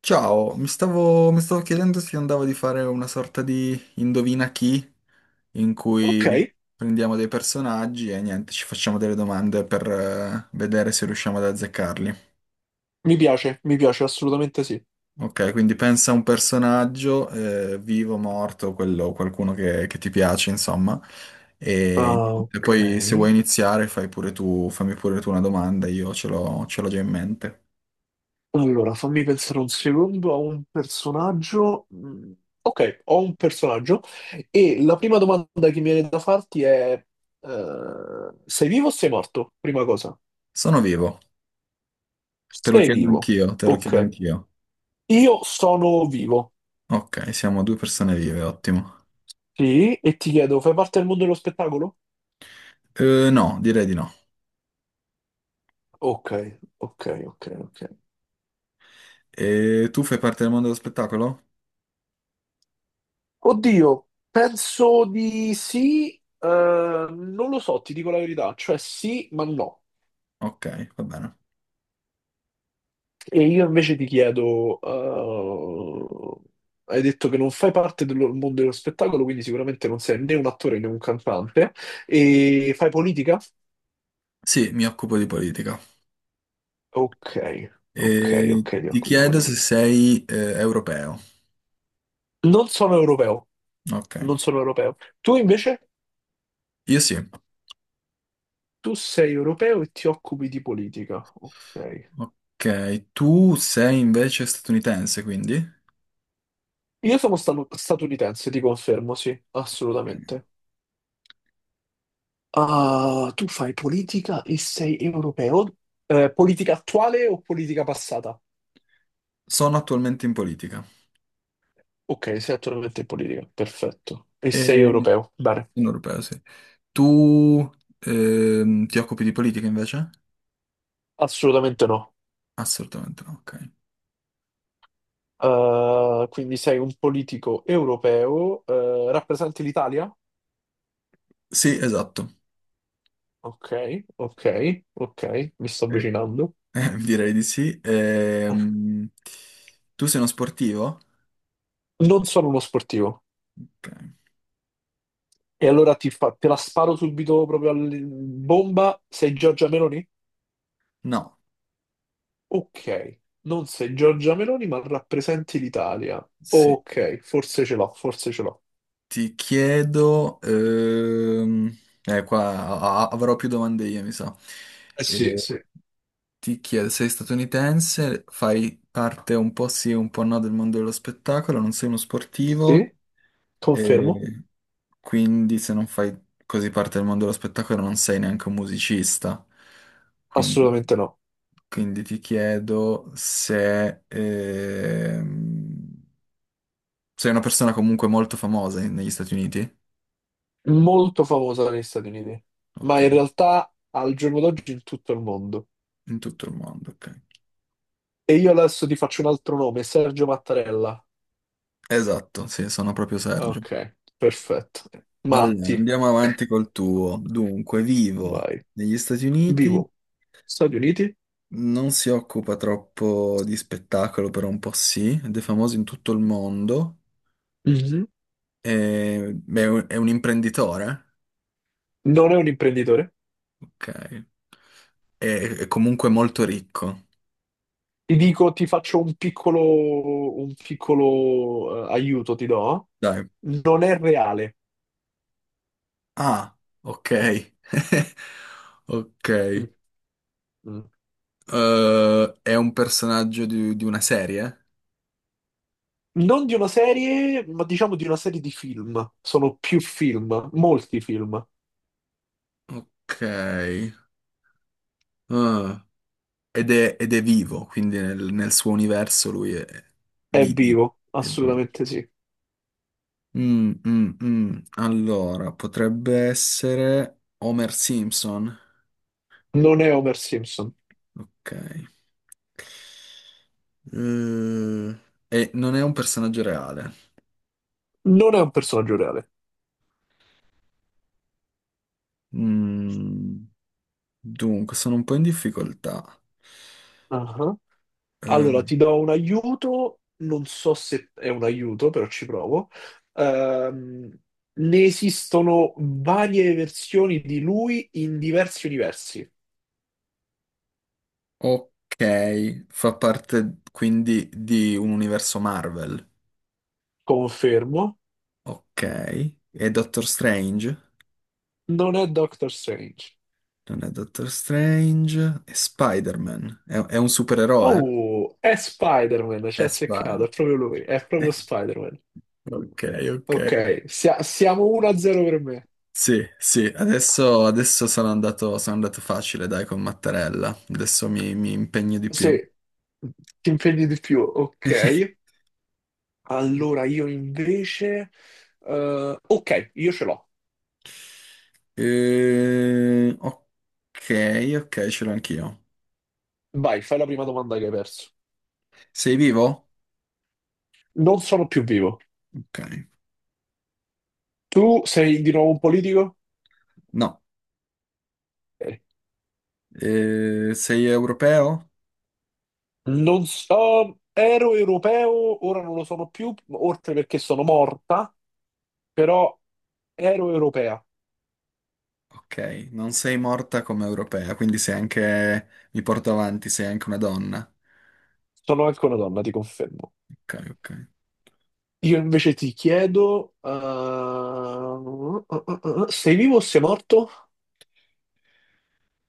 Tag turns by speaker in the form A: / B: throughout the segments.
A: Ciao, mi stavo chiedendo se andavo di fare una sorta di indovina chi, in
B: Ok,
A: cui prendiamo dei personaggi e niente, ci facciamo delle domande per vedere se riusciamo ad azzeccarli.
B: mi piace, assolutamente sì.
A: Ok, quindi pensa a un personaggio, vivo, morto, quello, qualcuno che ti piace, insomma, e,
B: Ah,
A: niente,
B: ok.
A: poi se vuoi iniziare fai pure tu, fammi pure tu una domanda, io ce l'ho già in mente.
B: Allora, fammi pensare un secondo a un personaggio. Mm, ok, ho un personaggio e la prima domanda che mi viene da farti è, sei vivo o sei morto? Prima cosa.
A: Sono vivo, te lo
B: Sei
A: chiedo
B: vivo.
A: anch'io, te lo chiedo
B: Ok.
A: anch'io.
B: Io sono vivo.
A: Ok, siamo due persone vive, ottimo.
B: Sì, e ti chiedo, fai parte del mondo dello spettacolo?
A: No, direi di no.
B: Ok, ok.
A: E tu fai parte del mondo dello spettacolo?
B: Oddio, penso di sì, non lo so, ti dico la verità, cioè sì, ma no.
A: Ok, va bene.
B: E io invece ti chiedo, hai detto che non fai parte del mondo dello spettacolo, quindi sicuramente non sei né un attore né un cantante, e fai politica?
A: Sì, mi occupo di politica.
B: Ok, ok,
A: E
B: ok, ti
A: ti
B: occupi di
A: chiedo se
B: politica.
A: sei europeo.
B: Non sono europeo,
A: Ok,
B: non sono europeo. Tu invece,
A: io sì.
B: tu sei europeo e ti occupi di politica, ok.
A: Ok, tu sei invece statunitense, quindi?
B: Io sono statunitense, ti confermo, sì, assolutamente. Ah, tu fai politica e sei europeo? Politica attuale o politica passata?
A: Sono attualmente in politica.
B: Ok, sei attualmente in politica, perfetto. E sei
A: E...
B: europeo? Bene,
A: Sono europeo, sì. Tu ti occupi di politica invece?
B: assolutamente no.
A: Assolutamente no, ok.
B: Quindi sei un politico europeo, rappresenti l'Italia?
A: Sì, esatto.
B: Ok, ok, mi sto avvicinando.
A: Direi di sì. Tu sei uno sportivo?
B: Non sono uno sportivo.
A: Ok.
B: E allora te la sparo subito proprio a bomba, sei Giorgia Meloni?
A: No.
B: Ok, non sei Giorgia Meloni, ma rappresenti l'Italia.
A: Sì.
B: Ok, forse ce l'ho.
A: Ti chiedo... qua avrò più domande io, mi sa.
B: Eh
A: Eh,
B: sì, sì.
A: Ti chiedo, sei statunitense, fai parte un po' sì, un po' no del mondo dello spettacolo, non sei uno sportivo,
B: Sì? Confermo?
A: eh, quindi se non fai così parte del mondo dello spettacolo non sei neanche un musicista. Quindi...
B: Assolutamente no.
A: Quindi ti chiedo se sei una persona comunque molto famosa negli Stati Uniti?
B: Molto famosa negli Stati Uniti, ma
A: Ok,
B: in realtà al giorno d'oggi in tutto il mondo.
A: in tutto il mondo, ok.
B: E io adesso ti faccio un altro nome, Sergio Mattarella.
A: Esatto, sì, sono proprio Sergio.
B: Ok, perfetto.
A: Allora,
B: Matti.
A: andiamo avanti col tuo. Dunque, vivo
B: Vai.
A: negli Stati Uniti,
B: Vivo. Stati Uniti?
A: non si occupa troppo di spettacolo, però un po' sì, ed è famoso in tutto il mondo,
B: Mhm.
A: e- beh, è un imprenditore,
B: Non è un imprenditore?
A: ok, è comunque molto ricco.
B: Ti dico, ti faccio un piccolo aiuto, ti do.
A: Dai.
B: Non è reale.
A: Ah, ok. Ok.
B: Mm, mm.
A: È un personaggio di una serie?
B: Non di una serie, ma diciamo di una serie di film. Sono più film, molti film.
A: Ok. Ah. Ed è vivo, quindi nel suo universo lui è
B: È
A: vivi.
B: vivo,
A: È vivo.
B: assolutamente sì.
A: Mm, mm, mm. Allora, potrebbe essere Homer Simpson.
B: Non è Homer Simpson.
A: Ok. Eh, e non è un personaggio reale.
B: Non è un personaggio reale.
A: Mm, dunque, sono un po' in difficoltà.
B: Ah.
A: Eh,
B: Allora, ti do un aiuto, non so se è un aiuto, però ci provo. Ehm, ne esistono varie versioni di lui in diversi universi.
A: Ok, fa parte quindi di un universo Marvel.
B: Confermo,
A: Ok, e Doctor Strange?
B: non è Doctor Strange.
A: Non è Doctor Strange, è Spider-Man. È un supereroe?
B: Oh, è Spider-Man, ci
A: È
B: ha
A: Spider.
B: azzeccato, è proprio lui, è proprio Spider-Man.
A: Ok, ok.
B: Ok, siamo 1-0 per me.
A: Sì, sì, adesso sono andato facile, dai, con Mattarella. Adesso mi impegno di
B: Se
A: più.
B: ti impegni di più, ok. Allora, io invece... ok, io ce l'ho.
A: Ok, ok, ce l'ho anch'io.
B: Vai, fai la prima domanda che hai perso.
A: Sei vivo?
B: Non sono più vivo.
A: Ok.
B: Tu sei di nuovo un politico?
A: No.
B: Ok.
A: Sei europeo?
B: Non so, ero europeo, ora non lo sono più, oltre perché sono morta, però ero europea.
A: Ok, non sei morta come europea, quindi sei anche, mi porto avanti, sei anche una donna.
B: Sono anche una donna, ti confermo.
A: Ok, ok.
B: Io invece ti chiedo, sei vivo o sei morto?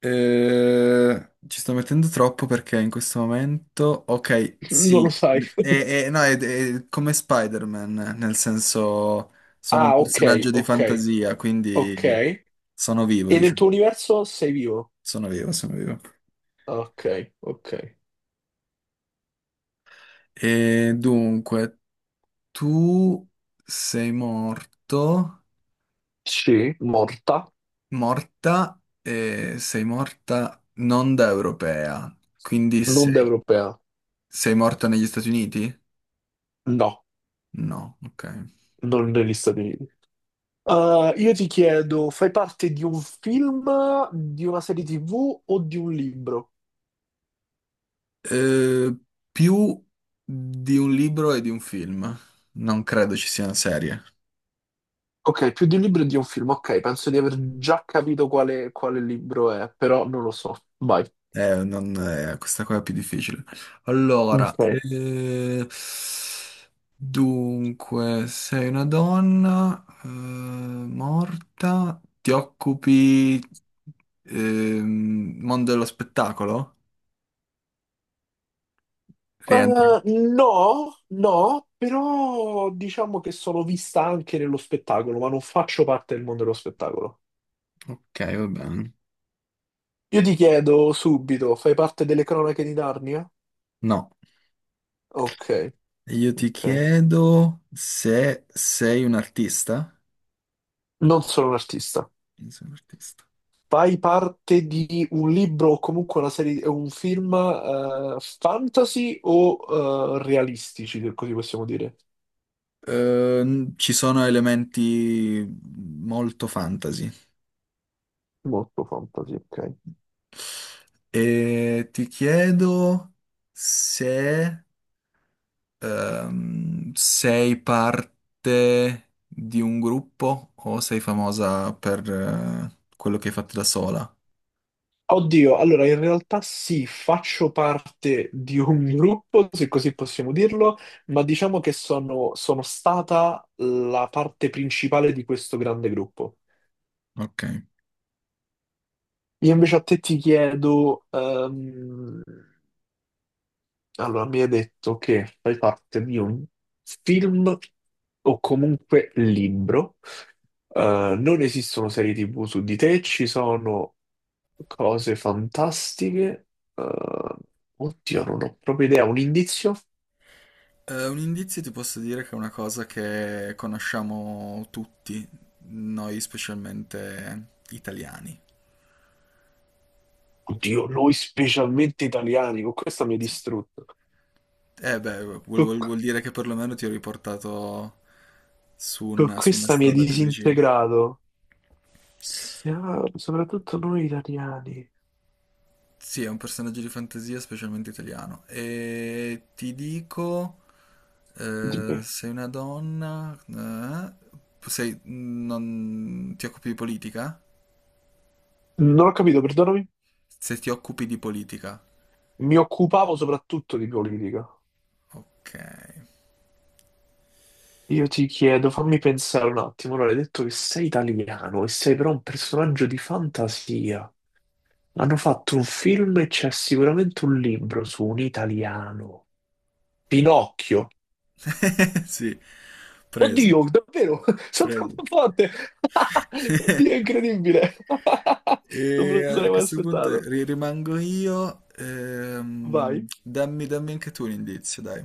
A: Ci sto mettendo troppo perché in questo momento, ok,
B: Non lo
A: sì,
B: sai.
A: e- no, è come Spider-Man, nel senso sono un
B: Ah, ok,
A: personaggio di
B: ok,
A: fantasia,
B: ok.
A: quindi sono vivo,
B: E nel tuo
A: diciamo,
B: universo sei vivo?
A: sono vivo, sono vivo.
B: Ok, ok.
A: E dunque, tu sei morto.
B: Sì, morta.
A: Morta, e sei morta non da europea, quindi
B: L'onda
A: sei,
B: europea?
A: sei morta negli Stati Uniti?
B: No,
A: No, ok.
B: non negli Stati Uniti. Io ti chiedo, fai parte di un film, di una serie TV o di un libro?
A: Eh, più di un libro e di un film. Non credo ci sia una serie.
B: Ok, più di un libro e di un film. Ok, penso di aver già capito quale, quale libro è, però non lo so. Vai.
A: Non, Questa qua è più difficile. Allora,
B: Ok.
A: dunque, sei una donna, morta, ti occupi, mondo dello spettacolo? Rientro.
B: Uh, no, no, però diciamo che sono vista anche nello spettacolo, ma non faccio parte del mondo dello spettacolo.
A: Ok, va bene.
B: Io ti chiedo subito, fai parte delle cronache di Narnia?
A: No.
B: Ok,
A: Io ti
B: ok.
A: chiedo se sei un artista.
B: Non sono un artista.
A: Io sono un artista.
B: Fai parte di un libro o comunque una serie, un film fantasy o realistici, se così possiamo dire.
A: Ci sono elementi molto fantasy.
B: Molto fantasy, ok.
A: E ti chiedo se sei parte di un gruppo o sei famosa per quello che hai fatto da sola.
B: Oddio, allora in realtà sì, faccio parte di un gruppo, se così possiamo dirlo, ma diciamo che sono stata la parte principale di questo grande gruppo.
A: Ok.
B: Io invece a te ti chiedo, allora, mi hai detto che fai parte di un film o comunque libro. Non esistono serie TV su di te, ci sono cose fantastiche. Eh, oddio, non ho proprio idea. Un indizio?
A: Un indizio ti posso dire che è una cosa che conosciamo tutti, noi specialmente italiani.
B: Oddio, noi specialmente italiani, con questa mi hai
A: Sì.
B: distrutto.
A: Eh beh,
B: Con,
A: vuol dire che perlomeno ti ho riportato su
B: con
A: su una
B: questa mi hai
A: strada più vicina.
B: disintegrato. Siamo- soprattutto noi italiani.
A: Sì, è un personaggio di fantasia, specialmente italiano. E ti dico,
B: Dimmi.
A: sei una donna, sei- non, ti occupi di politica?
B: Non ho capito, perdonami.
A: Se ti occupi di politica.
B: Mi occupavo soprattutto di politica.
A: Ok.
B: Io ti chiedo, fammi pensare un attimo. Allora, hai detto che sei italiano e sei però un personaggio di fantasia. Hanno fatto un film e c'è sicuramente un libro su un italiano. Pinocchio.
A: Sì, preso,
B: Oddio, davvero? Sono
A: preso.
B: troppo forte! Oddio, è incredibile! Non me
A: E
B: lo
A: a
B: sarei mai
A: questo punto
B: aspettato.
A: rimango io.
B: Vai.
A: Dammi, dammi anche tu un indizio, dai.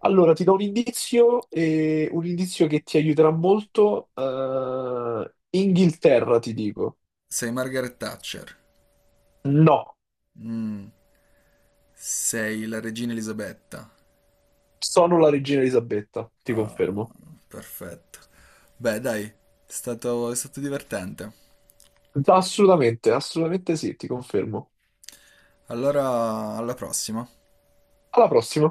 B: Allora, ti do un indizio, un indizio che ti aiuterà molto. Eh, Inghilterra, ti dico.
A: Sei Margaret Thatcher.
B: No,
A: Mm. Sei la regina Elisabetta.
B: sono la regina Elisabetta, ti
A: Ah,
B: confermo.
A: perfetto. Beh, dai, è stato divertente.
B: Assolutamente sì, ti confermo.
A: Allora, alla prossima.
B: Alla prossima.